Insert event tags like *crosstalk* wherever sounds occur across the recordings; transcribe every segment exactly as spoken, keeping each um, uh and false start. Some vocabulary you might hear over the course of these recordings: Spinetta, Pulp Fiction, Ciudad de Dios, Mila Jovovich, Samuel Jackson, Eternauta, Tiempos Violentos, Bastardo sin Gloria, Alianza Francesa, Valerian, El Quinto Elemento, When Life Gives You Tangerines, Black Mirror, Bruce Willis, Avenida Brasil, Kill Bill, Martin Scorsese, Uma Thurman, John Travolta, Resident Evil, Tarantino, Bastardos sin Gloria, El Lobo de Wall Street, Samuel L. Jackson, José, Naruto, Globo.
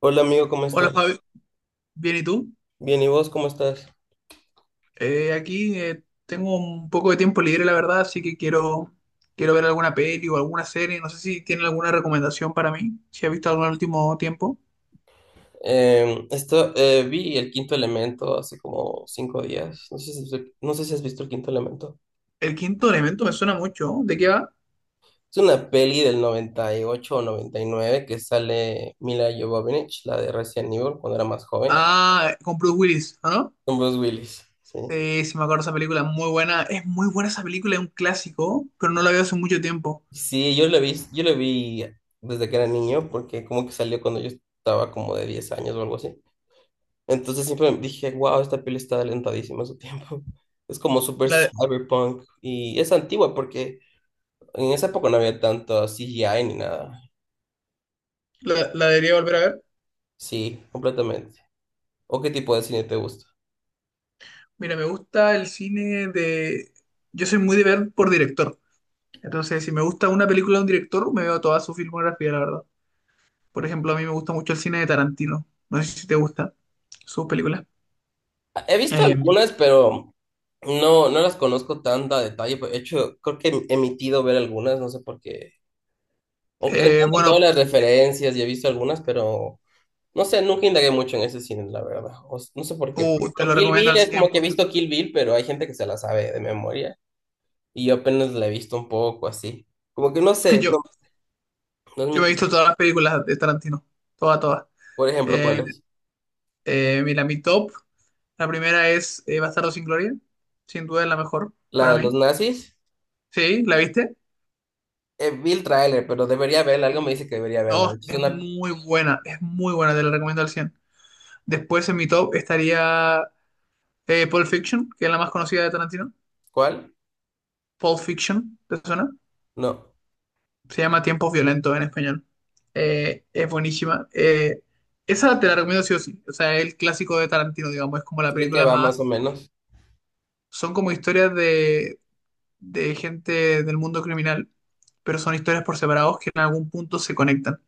Hola amigo, ¿cómo Hola estás? Fabi, bien y tú? Bien, ¿y vos cómo estás? Eh, aquí eh, tengo un poco de tiempo libre, la verdad, así que quiero, quiero ver alguna peli o alguna serie. No sé si tienen alguna recomendación para mí, si has visto algo en el último tiempo. Em, esto, eh, vi El Quinto Elemento hace como cinco días. No sé si, no sé si has visto El Quinto Elemento. El quinto elemento me suena mucho. ¿De qué va? Es una peli del noventa y ocho o noventa y nueve que sale Mila Jovovich, la de Resident Evil, cuando era más joven, Ah, con Bruce Willis, ¿o ¿no? con Bruce Willis. Sí. Eh, sí, me acuerdo de esa película, muy buena. Es muy buena esa película, es un clásico, pero no la veo hace mucho tiempo. Sí, yo lo vi, yo lo vi desde que era niño, porque como que salió cuando yo estaba como de diez años o algo así. Entonces siempre dije, wow, esta peli está adelantadísima a su tiempo. *laughs* Es como súper La, cyberpunk y es antigua porque en esa época no había tanto C G I ni nada. la, la debería volver a ver. Sí, completamente. ¿O qué tipo de cine te gusta? Mira, me gusta el cine de... Yo soy muy de ver por director. Entonces, si me gusta una película de un director, me veo toda su filmografía, la verdad. Por ejemplo, a mí me gusta mucho el cine de Tarantino. No sé si te gusta sus películas. He visto Eh, algunas, pero no, no las conozco tan a detalle. De hecho, creo que he emitido ver algunas, no sé por qué. Aunque eh, entiendo bueno, todas las referencias y he visto algunas, pero... No sé, nunca indagué mucho en ese cine, la verdad. O s- no sé por qué. Por uh, te ejemplo, lo Kill recomiendo Bill al es como que he cien por ciento. visto Kill Bill, pero hay gente que se la sabe de memoria. Y yo apenas la he visto un poco así. Como que no *laughs* sé, Yo, no, no es yo mi me he tipo. visto todas las películas de Tarantino. Todas, todas. Por ejemplo, ¿cuál Eh, es? eh, mira, mi top. La primera es eh, Bastardo sin Gloria. Sin duda es la mejor La para de los mí. nazis. ¿Sí? ¿La viste? Eh, vi el tráiler, pero debería verla. Algo me Uh, dice que debería verla. No, De hecho, es es una... muy buena. Es muy buena. Te la recomiendo al cien por ciento. Después en mi top estaría Eh, Pulp Fiction, que es la más conocida de Tarantino. ¿Cuál? Pulp Fiction, ¿te suena? No. Se llama Tiempos Violentos en español. Eh, es buenísima. Eh, esa te la recomiendo sí o sí. O sea, es el clásico de Tarantino, digamos. Es como la Ya que película va más o más... menos. Son como historias de, de gente del mundo criminal, pero son historias por separados que en algún punto se conectan.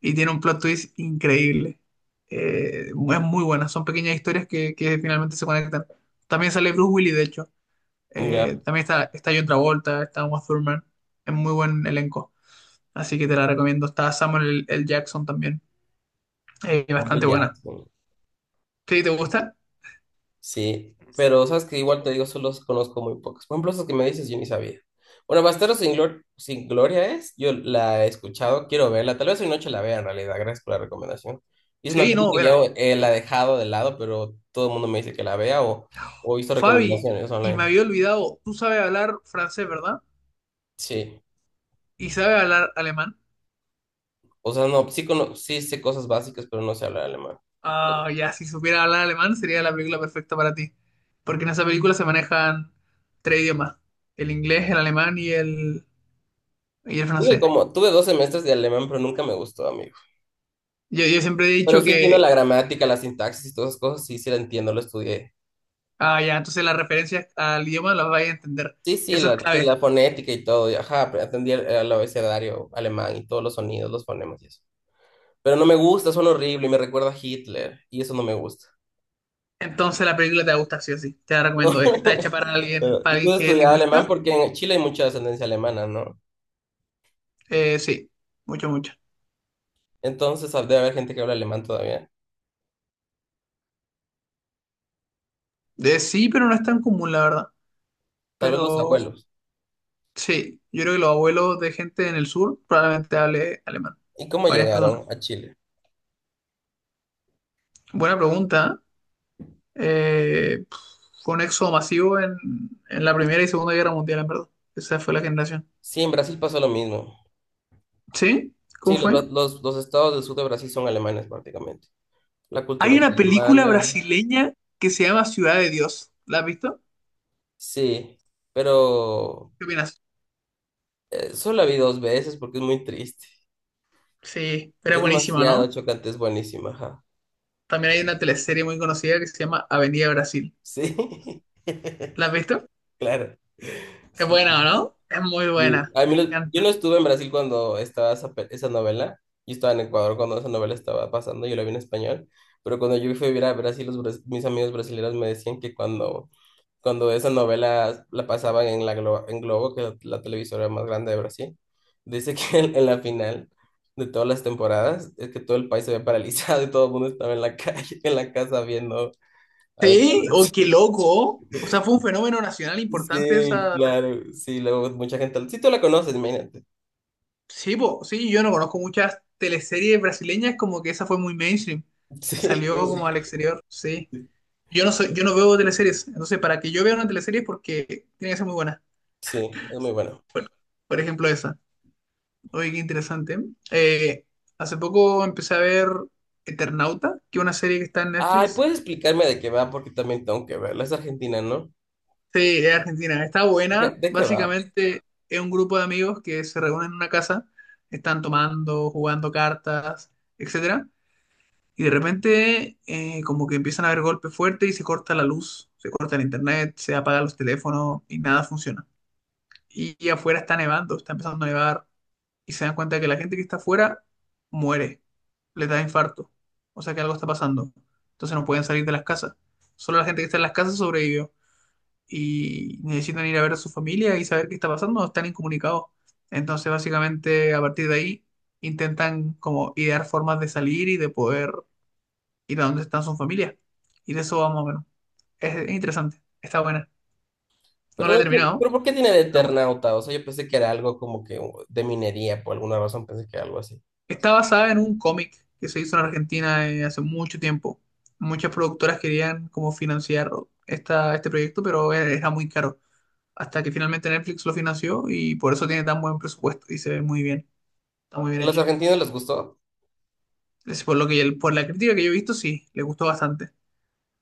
Y tiene un plot twist increíble. Eh, es muy buena. Son pequeñas historias que, que finalmente se conectan. También sale Bruce Willis, de hecho. Eh, Ya. también está, está John Travolta, está Uma Thurman. Es muy buen elenco. Así que te la recomiendo. Está Samuel L. Jackson también. Eh, Samuel bastante buena. Jackson. ¿Sí, te gusta? Sí, pero sabes que igual te digo, solo conozco muy pocas. Por ejemplo, esas que me dices, yo ni sabía. Bueno, Bastardos sin Glor- sin Gloria es, yo la he escuchado, quiero verla, tal vez hoy noche la vea en realidad, gracias por la recomendación. Y es una Sí, película no, que ya vela. eh, la he dejado de lado, pero todo el mundo me dice que la vea o, o hizo Fabi, recomendaciones y me online. había olvidado, tú sabes hablar francés, ¿verdad? Sí, Y sabes hablar alemán. o sea, no, sí, cono- sí sé cosas básicas, pero no sé hablar alemán. Ah, ya, si supiera hablar alemán sería la película perfecta para ti. Porque en esa película se manejan tres idiomas. El inglés, el alemán y el, y el Tuve francés. como, tuve dos semestres de alemán, pero nunca me gustó, amigo. Yo, yo siempre he Pero dicho sí entiendo que la gramática, la sintaxis y todas esas cosas, sí, sí la entiendo, lo estudié. Ah, ya, entonces las referencias al idioma las vais a entender. Sí, sí, Eso es la, sí, clave. la fonética y todo. Y ajá, pero atendí el, el abecedario alemán y todos los sonidos, los fonemas y eso. Pero no me gusta, son horribles y me recuerda a Hitler. Y eso no me gusta. Entonces la película te va a gustar, sí o sí. Te la recomiendo. Está hecha para *laughs* alguien, Pero, para y tú alguien que es estudiabas alemán lingüista. porque en Chile hay mucha descendencia alemana, ¿no? Eh, sí, mucho, mucho. Entonces ah, debe haber gente que habla alemán todavía. Eh, sí, pero no es tan común, la verdad. Tal vez los Pero abuelos. sí, yo creo que los abuelos de gente en el sur probablemente hable alemán. ¿Y cómo Varias personas. llegaron a Chile? Buena pregunta. ¿Eh? Eh, fue un éxodo masivo en, en la Primera y Segunda Guerra Mundial, en verdad. Esa fue la generación. Sí, en Brasil pasó lo mismo. ¿Sí? ¿Cómo Sí, los, fue? bra- los, los estados del sur de Brasil son alemanes prácticamente. La cultura Hay es una película alemana, brasileña que se llama Ciudad de Dios. ¿La has visto? sí. Pero ¿Qué opinas? Eh, solo la vi dos veces porque es muy triste. Sí, era Es buenísima, ¿no? demasiado chocante, es buenísima, ajá. También hay una teleserie muy conocida que se llama Avenida Brasil. Sí, *laughs* ¿La has visto? claro. Es Sí, buena, ¿no? Es muy sí. buena, A me mí lo- Yo no encanta. estuve en Brasil cuando estaba esa, pe- esa novela. Yo estaba en Ecuador cuando esa novela estaba pasando, yo la vi en español. Pero cuando yo fui a vivir a Brasil, los, bras- mis amigos brasileños me decían que cuando cuando esa novela la pasaban en la Glo- en Globo, que es la televisora más grande de Brasil, dice que en, en la final de todas las temporadas es que todo el país se ve paralizado y todo el mundo estaba en la *laughs* calle, en la casa viendo Avenida Sí, oh, qué Brasil. loco. O sea, fue un fenómeno nacional importante Sí, esa teleserie. claro, sí, luego mucha gente, sí, tú la conoces, imagínate. Sí, po, sí, yo no conozco muchas teleseries brasileñas, como que esa fue muy mainstream. Sí, Salió pobre, como al exterior, sí. sí, Yo no soy, yo no veo teleseries, entonces para que yo vea una teleserie es porque tiene que ser muy buena. sí, es muy bueno. Bueno, por ejemplo esa. Oye, qué interesante. Eh, hace poco empecé a ver Eternauta, que es una serie que está en Ay, Netflix. ¿puedes explicarme de qué va? Porque también tengo que verla, es argentina, ¿no? Sí, es argentina. Está ¿De qué, buena. de qué va? Básicamente es un grupo de amigos que se reúnen en una casa, están tomando, jugando cartas, etcétera. Y de repente eh, como que empiezan a haber golpes fuertes y se corta la luz, se corta el internet, se apagan los teléfonos y nada funciona. y, y afuera está nevando, está empezando a nevar y se dan cuenta que la gente que está afuera muere, le da infarto, o sea que algo está pasando. Entonces no pueden salir de las casas. Solo la gente que está en las casas sobrevivió y necesitan ir a ver a su familia y saber qué está pasando, están incomunicados. Entonces básicamente a partir de ahí intentan como idear formas de salir y de poder ir a donde están sus familias. Y de eso vamos a menos. Es, es interesante, está buena. No Pero, la he no- terminado, pero ¿por qué tiene de pero bueno. Eternauta? O sea, yo pensé que era algo como que de minería, por alguna razón pensé que era algo así. Está basada en un cómic que se hizo en Argentina eh, hace mucho tiempo. Muchas productoras querían como financiar esta, este proyecto, pero e- era muy caro. Hasta que finalmente Netflix lo financió y por eso tiene tan buen presupuesto y se ve muy bien. Está muy ¿Y bien a los hecha. argentinos les gustó? Es por lo que, por la crítica que yo he visto, sí, le gustó bastante.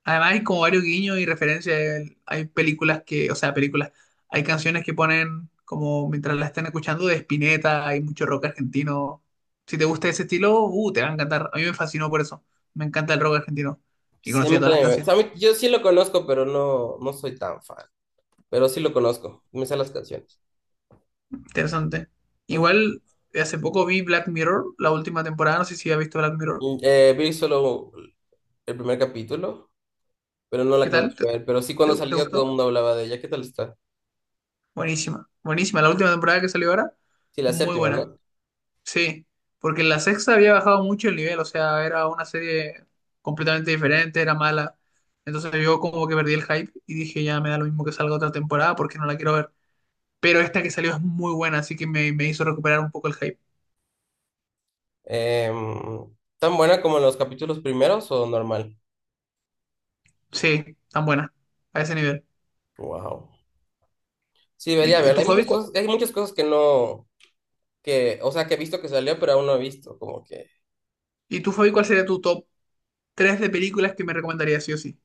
Además hay como varios guiños y referencias. El- Hay películas que, o sea, películas, hay canciones que ponen como mientras la están escuchando de Spinetta, hay mucho rock argentino. Si te gusta ese estilo, uh, te va a encantar. A mí me fascinó por eso. Me encanta el rock argentino. Y Sí, a conocía mí todas las también. Me- o canciones. sea, a mí- yo sí lo conozco, pero no, no soy tan fan. Pero sí lo conozco, me sé las canciones. Interesante. Ah. Igual, hace poco vi Black Mirror, la última temporada. No sé si has visto Black Mirror. Y, eh, vi solo el primer capítulo, pero no la ¿Qué acabé tal? ¿Te, de ver. Pero sí cuando te- te salía todo el gustó? mundo hablaba de ella. ¿Qué tal está? Buenísima. Buenísima. La última temporada que salió ahora, Sí, la muy séptima, buena. ¿no? Sí, porque la sexta había bajado mucho el nivel, o sea, era una serie completamente diferente, era mala. Entonces yo como que perdí el hype y dije, ya me da lo mismo que salga otra temporada porque no la quiero ver. Pero esta que salió es muy buena, así que me, me hizo recuperar un poco el hype. Em, ¿tan buena como en los capítulos primeros o normal? Sí, tan buena, a ese nivel. Wow. Sí, ¿Y debería tú, y verla. tú, Hay Fabi, muchas cuál, cosas, hay muchas cosas que no que, o sea, que he visto que salió, pero aún no he visto, como que... y tú, Fabi, ¿cuál sería tu top tres de películas que me recomendarías sí o sí?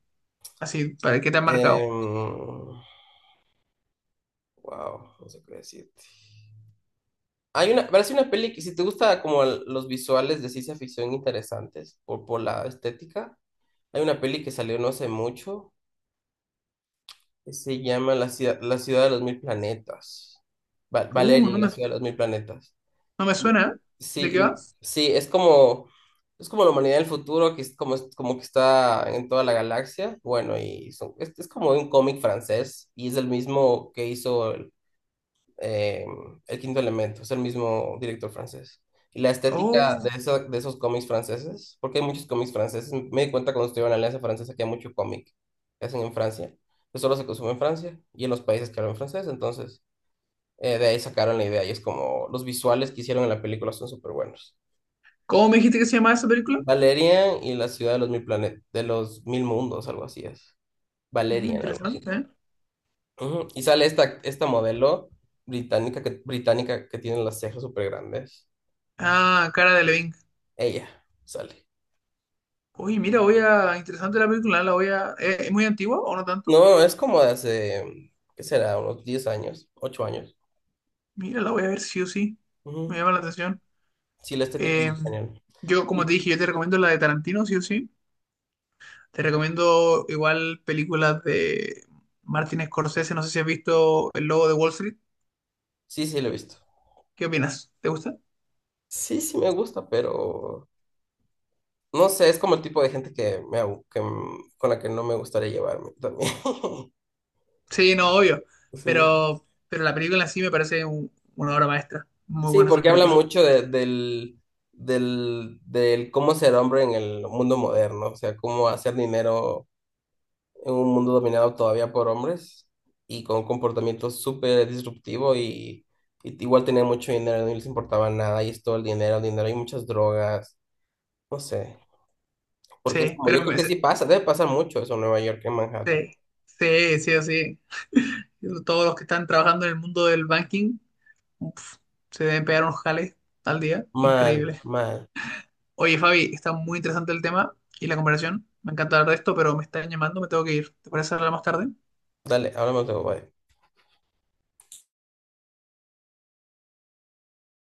Así, ¿para qué te han marcado? em, wow, no sé qué decirte. Hay una, parece una peli que si te gusta como el- los visuales de ciencia ficción interesantes por, por la estética, hay una peli que salió no hace mucho que se llama La ciudad, la ciudad de los mil planetas. Va- Uh, no Valerian, la me, ciudad de los mil planetas. no me suena, ¿eh? Sí, ¿De qué va? y- sí, es como, es como la humanidad del futuro, que es como, es como que está en toda la galaxia. Bueno, y son- es, es como un cómic francés, y es el mismo que hizo el, eh, El Quinto Elemento, es el mismo director francés. Y la estética de, Oh, esa- de esos cómics franceses, porque hay muchos cómics franceses, me di cuenta cuando estuve en la Alianza Francesa que hay mucho cómic que hacen en Francia, que solo se consume en Francia y en los países que hablan francés, entonces... Eh, de ahí sacaron la idea y es como los visuales que hicieron en la película son súper buenos. ¿cómo me dijiste que se llamaba esa película? Valerian y la ciudad de los mil planetas, de los mil mundos, algo así es. Mm, Valerian, algo así. interesante, ¿eh? Ujú. Y sale esta, esta modelo británica que, británica que tiene las cejas súper grandes. Ah, Cara de Levin. Ella sale. Oye, mira, voy a. Interesante la película, ¿eh? La voy a. ¿Es ¿es muy antigua o no tanto? No, es como de hace, ¿qué será? Unos diez años, ocho años. Mira, la voy a ver sí o sí. Me Ujú. llama la atención. Sí, la estética es Eh, muy genial. yo, como te Y, dije, yo te recomiendo la de Tarantino, sí o sí. Te recomiendo igual películas de Martin Scorsese. No sé si has visto El Lobo de Wall Street. sí, sí, lo he visto. ¿Qué opinas? ¿Te gusta? Sí, sí me gusta, pero no sé, es como el tipo de gente que me, abu- que, mm, con la que no me gustaría llevarme también. *laughs* Sí, no, obvio. Sí. Pero, pero la película en sí me parece un- una obra maestra. Muy Sí, buena esa porque habla película. mucho de- del, del, del cómo ser hombre en el mundo moderno, o sea, cómo hacer dinero en un mundo dominado todavía por hombres y con un comportamiento súper disruptivo y, y igual tenía mucho dinero, no les importaba nada y es todo el dinero, dinero y muchas drogas, no sé, porque es Sí, como, yo pero me- creo que sí pasa, debe pasar mucho eso en Nueva York, en Manhattan. Sí, sí, sí, o sí. *laughs* Todos los que están trabajando en el mundo del banking, uf, se deben pegar unos jales al día. Mal, Increíble. mal. Oye, Fabi, está muy interesante el tema y la conversación. Me encanta hablar de esto, pero me están llamando, me tengo que ir. ¿Te parece hablar más tarde? Dale, hablamos luego, bye.